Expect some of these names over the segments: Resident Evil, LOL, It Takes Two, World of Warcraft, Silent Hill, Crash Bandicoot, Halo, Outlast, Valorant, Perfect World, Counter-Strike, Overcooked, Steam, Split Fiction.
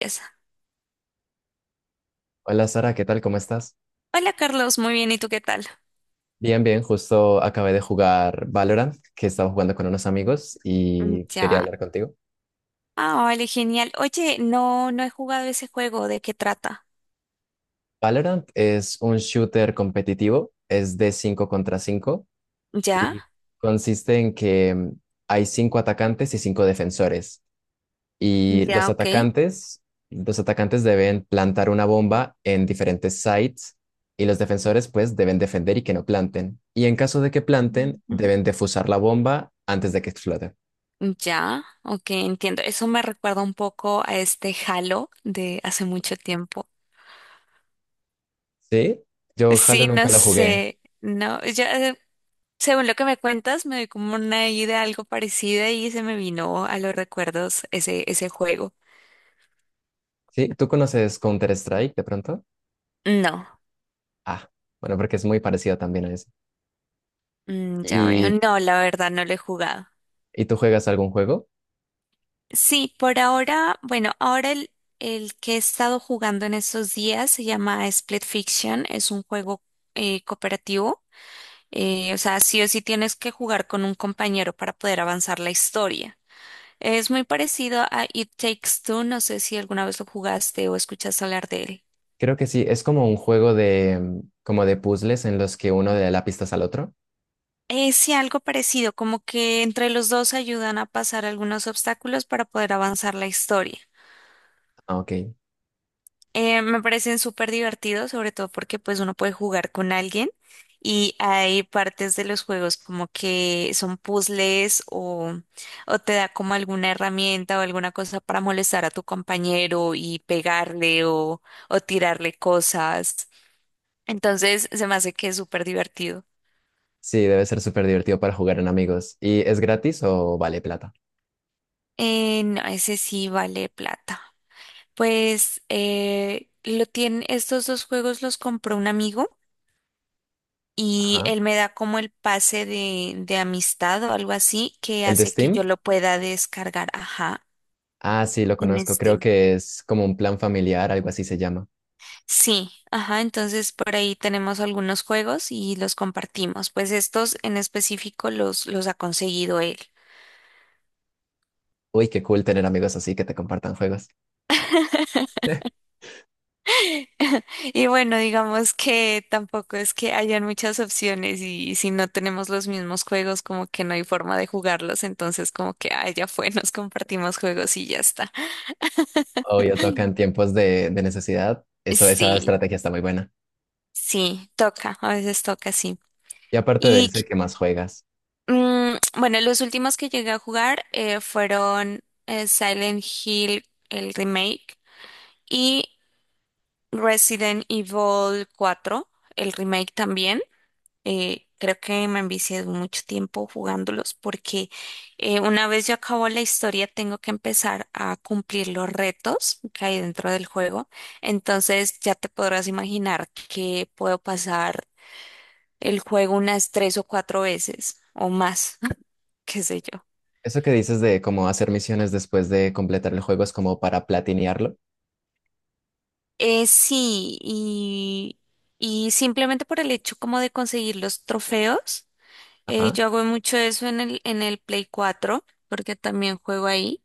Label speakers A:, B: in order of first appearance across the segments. A: Empieza.
B: Hola Sara, ¿qué tal? ¿Cómo estás?
A: Hola Carlos, muy bien, ¿y tú qué tal?
B: Bien, bien, justo acabé de jugar Valorant, que estaba jugando con unos amigos y quería
A: Ya.
B: hablar contigo.
A: Ah, vale, genial. Oye, no, no he jugado ese juego, ¿de qué trata?
B: Valorant es un shooter competitivo, es de 5 contra 5
A: Ya,
B: y consiste en que hay 5 atacantes y 5 defensores. Y
A: ya,
B: los
A: ok.
B: atacantes, los atacantes deben plantar una bomba en diferentes sites y los defensores pues deben defender y que no planten. Y en caso de que planten, deben defusar la bomba antes de que explote.
A: Ujú. Ya, ok, entiendo. Eso me recuerda un poco a este Halo de hace mucho tiempo.
B: Sí, yo Halo
A: Sí,
B: nunca
A: no
B: lo jugué.
A: sé, no, yo, según lo que me cuentas, me doy como una idea algo parecida y se me vino a los recuerdos ese juego.
B: Sí, ¿tú conoces Counter-Strike de pronto?
A: No,
B: Ah, bueno, porque es muy parecido también a eso.
A: ya veo,
B: ¿Y,
A: no, la verdad no lo he jugado.
B: y tú juegas algún juego?
A: Sí, por ahora, bueno, el que he estado jugando en estos días se llama Split Fiction, es un juego cooperativo, o sea, sí o sí tienes que jugar con un compañero para poder avanzar la historia. Es muy parecido a It Takes Two, no sé si alguna vez lo jugaste o escuchaste hablar de él.
B: Creo que sí, es como un juego de, como de puzzles en los que uno le da la pistas al otro.
A: Sí, algo parecido, como que entre los dos ayudan a pasar algunos obstáculos para poder avanzar la historia.
B: Ah, ok.
A: Me parecen súper divertidos, sobre todo porque pues uno puede jugar con alguien y hay partes de los juegos como que son puzzles o te da como alguna herramienta o alguna cosa para molestar a tu compañero y pegarle o tirarle cosas. Entonces se me hace que es súper divertido.
B: Sí, debe ser súper divertido para jugar en amigos. ¿Y es gratis o vale plata?
A: No, ese sí vale plata. Pues lo tienen, estos dos juegos los compró un amigo. Y
B: Ajá.
A: él me da como el pase de amistad o algo así que
B: ¿El de
A: hace que yo
B: Steam?
A: lo pueda descargar, ajá,
B: Ah, sí, lo
A: en
B: conozco. Creo
A: Steam.
B: que es como un plan familiar, algo así se llama.
A: Sí, ajá, entonces por ahí tenemos algunos juegos y los compartimos. Pues estos en específico los ha conseguido él.
B: Uy, qué cool tener amigos así que te compartan juegos.
A: Y bueno, digamos que tampoco es que hayan muchas opciones y si no tenemos los mismos juegos, como que no hay forma de jugarlos, entonces como que, ah, ya fue, nos compartimos juegos y ya está.
B: Obvio, toca en tiempos de necesidad. Eso, esa
A: Sí,
B: estrategia está muy buena.
A: sí, toca, a veces toca, sí.
B: Y aparte de
A: Y
B: ese, ¿qué más juegas?
A: bueno, los últimos que llegué a jugar fueron Silent Hill, el remake, y Resident Evil 4, el remake también. Creo que me envicié mucho tiempo jugándolos porque una vez yo acabo la historia tengo que empezar a cumplir los retos que hay dentro del juego. Entonces ya te podrás imaginar que puedo pasar el juego unas tres o cuatro veces o más, qué sé yo.
B: Eso que dices de cómo hacer misiones después de completar el juego es como para platinearlo.
A: Sí, y simplemente por el hecho como de conseguir los trofeos,
B: Ajá.
A: yo hago mucho eso en el Play 4 porque también juego ahí,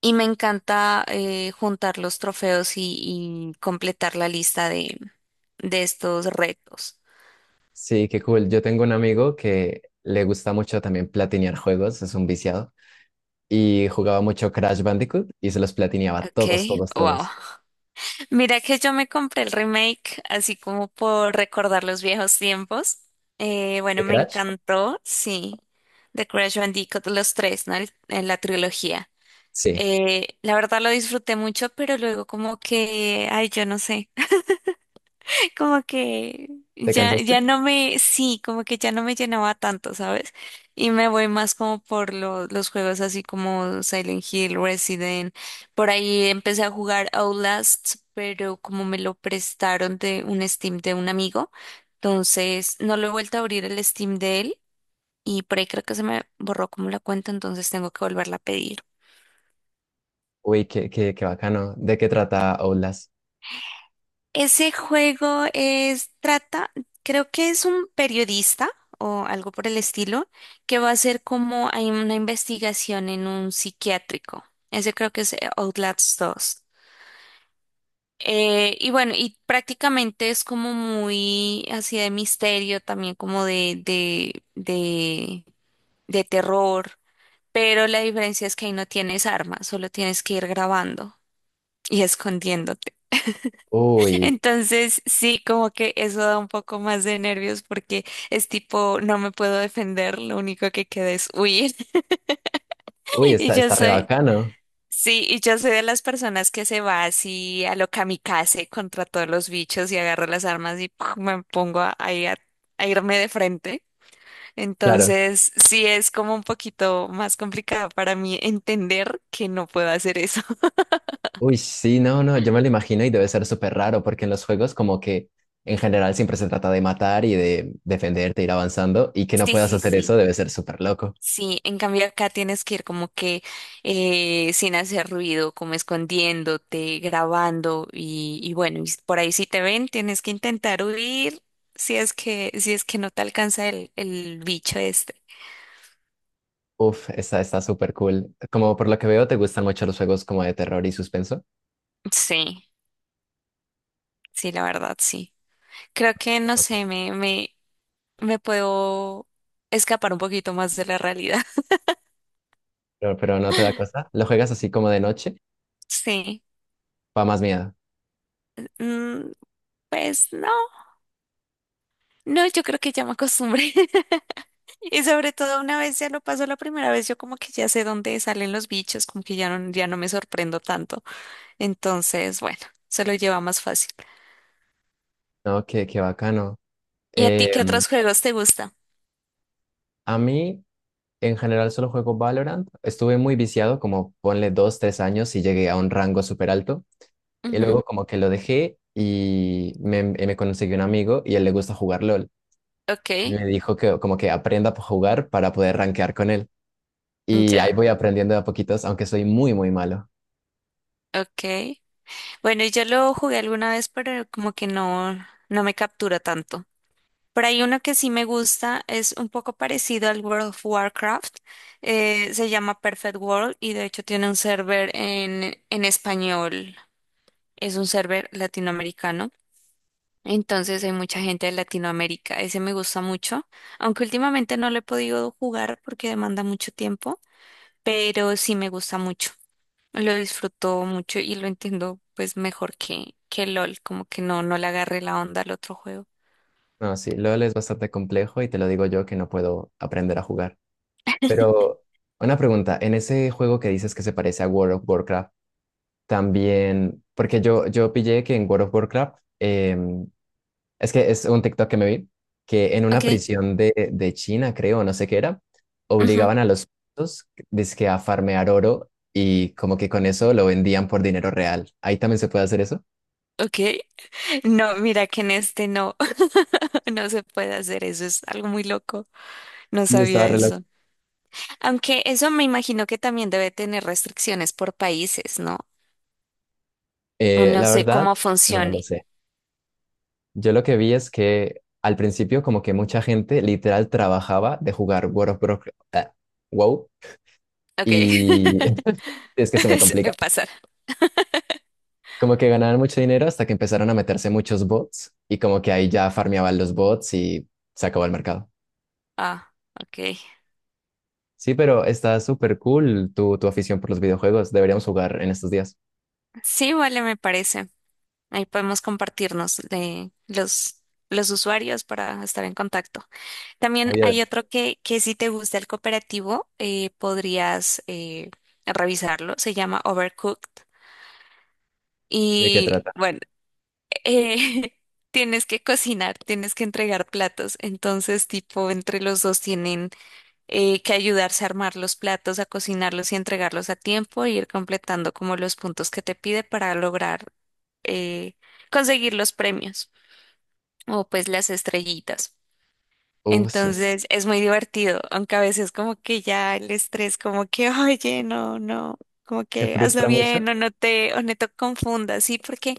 A: y me encanta juntar los trofeos y completar la lista de estos retos.
B: Sí, qué cool. Yo tengo un amigo que le gusta mucho también platinear juegos, es un viciado, y jugaba mucho Crash Bandicoot y se los platineaba
A: Ok,
B: todos, todos,
A: wow.
B: todos.
A: Mira que yo me compré el remake así como por recordar los viejos tiempos. Bueno,
B: ¿De
A: me
B: Crash?
A: encantó, sí. The Crash Bandicoot, los tres, ¿no? En la trilogía.
B: Sí.
A: La verdad lo disfruté mucho, pero luego como que, ay, yo no sé como que
B: ¿Te
A: ya
B: cansaste?
A: no me, sí, como que ya no me llenaba tanto, ¿sabes? Y me voy más como por los juegos así como Silent Hill, Resident. Por ahí empecé a jugar Outlast, pero como me lo prestaron de un Steam de un amigo, entonces no lo he vuelto a abrir el Steam de él y por ahí creo que se me borró como la cuenta, entonces tengo que volverla a pedir.
B: Uy, qué bacano. ¿De qué trata Outlast?
A: Ese juego es, trata, creo que es un periodista o algo por el estilo, que va a hacer como hay una investigación en un psiquiátrico. Ese creo que es Outlast 2. Y bueno, y prácticamente es como muy así de misterio, también como de terror, pero la diferencia es que ahí no tienes armas, solo tienes que ir grabando y escondiendo.
B: Uy,
A: Entonces, sí, como que eso da un poco más de nervios porque es tipo, no me puedo defender, lo único que queda es huir.
B: uy,
A: Y
B: está,
A: yo
B: está re
A: soy,
B: bacano.
A: sí, y yo soy de las personas que se va así a lo kamikaze contra todos los bichos y agarro las armas y ¡pum! Me pongo a, ahí a irme de frente.
B: Claro.
A: Entonces, sí es como un poquito más complicado para mí entender que no puedo hacer eso.
B: Uy, sí, no, no, yo me lo imagino y debe ser súper raro porque en los juegos como que en general siempre se trata de matar y de defenderte, ir avanzando y que no
A: Sí,
B: puedas
A: sí,
B: hacer
A: sí.
B: eso debe ser súper loco.
A: Sí, en cambio acá tienes que ir como que sin hacer ruido, como escondiéndote, grabando y bueno, y por ahí si te ven tienes que intentar huir si es que, si es que no te alcanza el bicho este.
B: Uf, está, está súper cool. Como por lo que veo te gustan mucho los juegos como de terror y suspenso.
A: Sí, sí, la verdad, sí. Creo que, no
B: Bacán.
A: sé, me puedo escapar un poquito más de la realidad.
B: Pero no te da cosa. ¿Lo juegas así como de noche?
A: Sí,
B: Va más miedo.
A: Mm, pues no, no, yo creo que ya me acostumbré. Y sobre todo una vez ya lo pasó la primera vez, yo como que ya sé dónde salen los bichos, como que ya no, ya no me sorprendo tanto. Entonces, bueno, se lo lleva más fácil.
B: No, qué, qué bacano.
A: ¿Y a ti qué? Sí.
B: Em,
A: Otros juegos te gusta.
B: a mí en general solo juego Valorant. Estuve muy viciado, como ponle dos, tres años y llegué a un rango súper alto. Y
A: Ujú.
B: luego como que lo dejé y me conseguí un amigo y a él le gusta jugar LOL.
A: Ok,
B: Y me dijo que como que aprenda a jugar para poder rankear con él. Y ahí
A: ya,
B: voy aprendiendo de a poquitos, aunque soy muy, muy malo.
A: ok. Bueno, y yo lo jugué alguna vez, pero como que no, no me captura tanto. Por ahí uno que sí me gusta es un poco parecido al World of Warcraft. Se llama Perfect World y de hecho tiene un server en español. Es un server latinoamericano. Entonces hay mucha gente de Latinoamérica. Ese me gusta mucho, aunque últimamente no lo he podido jugar porque demanda mucho tiempo, pero sí me gusta mucho. Lo disfruto mucho y lo entiendo pues mejor que LOL, como que no, no le agarré la onda al otro juego.
B: No, sí, LOL es bastante complejo y te lo digo yo que no puedo aprender a jugar. Pero una pregunta, en ese juego que dices que se parece a World of Warcraft, también, porque yo pillé que en World of Warcraft es que es un TikTok que me vi, que en una
A: Ok,
B: prisión de China, creo, no sé qué era,
A: ujú,
B: obligaban a los presos, dizque a farmear oro y como que con eso lo vendían por dinero real. Ahí también se puede hacer eso.
A: ok. No, mira que en este no, no se puede hacer eso, es algo muy loco. No
B: Sí,
A: sabía
B: estaba re loco.
A: eso. Aunque eso me imagino que también debe tener restricciones por países, ¿no? No
B: La
A: sé
B: verdad,
A: cómo
B: no lo
A: funcione.
B: sé. Yo lo que vi es que al principio como que mucha gente literal trabajaba de jugar World of Warcraft, ah, WoW,
A: Ok,
B: y es que se me
A: suele
B: complica.
A: pasar.
B: Como que ganaban mucho dinero hasta que empezaron a meterse muchos bots y como que ahí ya farmeaban los bots y se acabó el mercado.
A: Ah, ok.
B: Sí, pero está súper cool tu, tu afición por los videojuegos. Deberíamos jugar en estos días.
A: Sí, vale, me parece. Ahí podemos compartirnos de los usuarios para estar en contacto. También
B: Oye, ¿de,
A: hay otro que si te gusta el cooperativo, podrías revisarlo. Se llama Overcooked.
B: de qué
A: Y
B: trata?
A: bueno, eh, tienes que cocinar, tienes que entregar platos. Entonces, tipo, entre los dos tienen que ayudarse a armar los platos, a cocinarlos y entregarlos a tiempo, e ir completando como los puntos que te pide para lograr eh, conseguir los premios o pues las estrellitas.
B: Uf, se-
A: Entonces es muy divertido, aunque a veces como que ya el estrés, como que, oye, no, no, como
B: ¿te
A: que hazlo
B: frustra mucho?
A: bien o no te confundas, ¿sí? Porque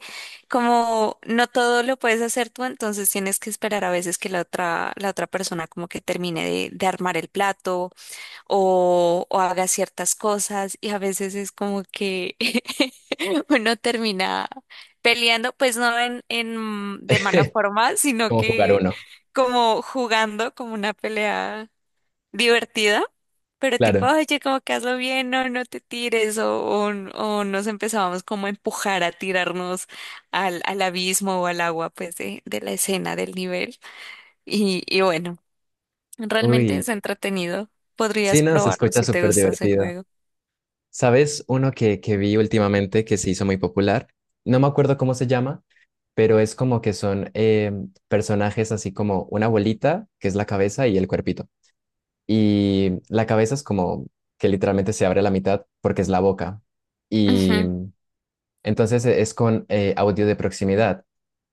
A: como no todo lo puedes hacer tú, entonces tienes que esperar a veces que la otra persona como que termine de armar el plato o haga ciertas cosas y a veces es como que uno termina peleando, pues no en de mala forma, sino
B: Como jugar
A: que
B: uno,
A: como jugando como una pelea divertida. Pero tipo,
B: claro.
A: oye, como que hazlo bien, no, no te tires, o, o nos empezábamos como a empujar, a tirarnos al abismo o al agua, pues, de la escena, del nivel. Y bueno. Realmente
B: Uy,
A: es entretenido.
B: sí,
A: Podrías
B: no, se
A: probarlo
B: escucha
A: si te
B: súper
A: gusta ese
B: divertido.
A: juego.
B: ¿Sabes uno que vi últimamente que se hizo muy popular? No me acuerdo cómo se llama, pero es como que son personajes así como una bolita, que es la cabeza y el cuerpito. Y la cabeza es como que literalmente se abre a la mitad porque es la boca. Y
A: Ujú.
B: entonces es con audio de proximidad.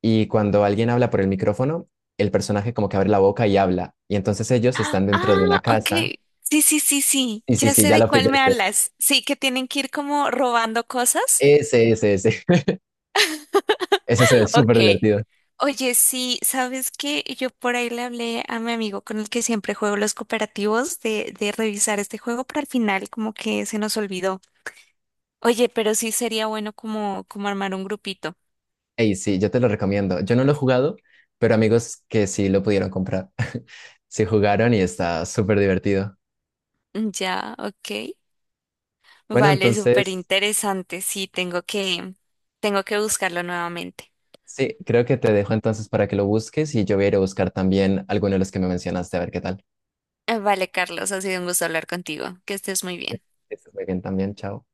B: Y cuando alguien habla por el micrófono, el personaje como que abre la boca y habla. Y entonces ellos
A: Ah,
B: están dentro de una
A: ah,
B: casa.
A: ok. Sí, sí, sí, sí.
B: Sí, sí,
A: Ya
B: sí,
A: sé
B: ya
A: de
B: lo
A: cuál me
B: pillaste.
A: hablas. Sí, que tienen que ir como robando cosas.
B: Ese, ese, ese. Ese se ve
A: Ok.
B: súper divertido.
A: Oye, sí, ¿sabes qué? Yo por ahí le hablé a mi amigo con el que siempre juego los cooperativos de revisar este juego, pero al final como que se nos olvidó. Oye, pero sí sería bueno como, como armar un grupito.
B: Ey, sí, yo te lo recomiendo. Yo no lo he jugado, pero amigos que sí lo pudieron comprar. Sí jugaron y está súper divertido.
A: Ya, ok.
B: Bueno,
A: Vale, súper
B: entonces...
A: interesante. Sí, tengo que buscarlo nuevamente.
B: Sí, creo que te dejo entonces para que lo busques y yo voy a ir a buscar también alguno de los que me mencionaste, a ver qué tal.
A: Vale, Carlos, ha sido un gusto hablar contigo. Que estés muy bien.
B: Que estés muy bien también, chao.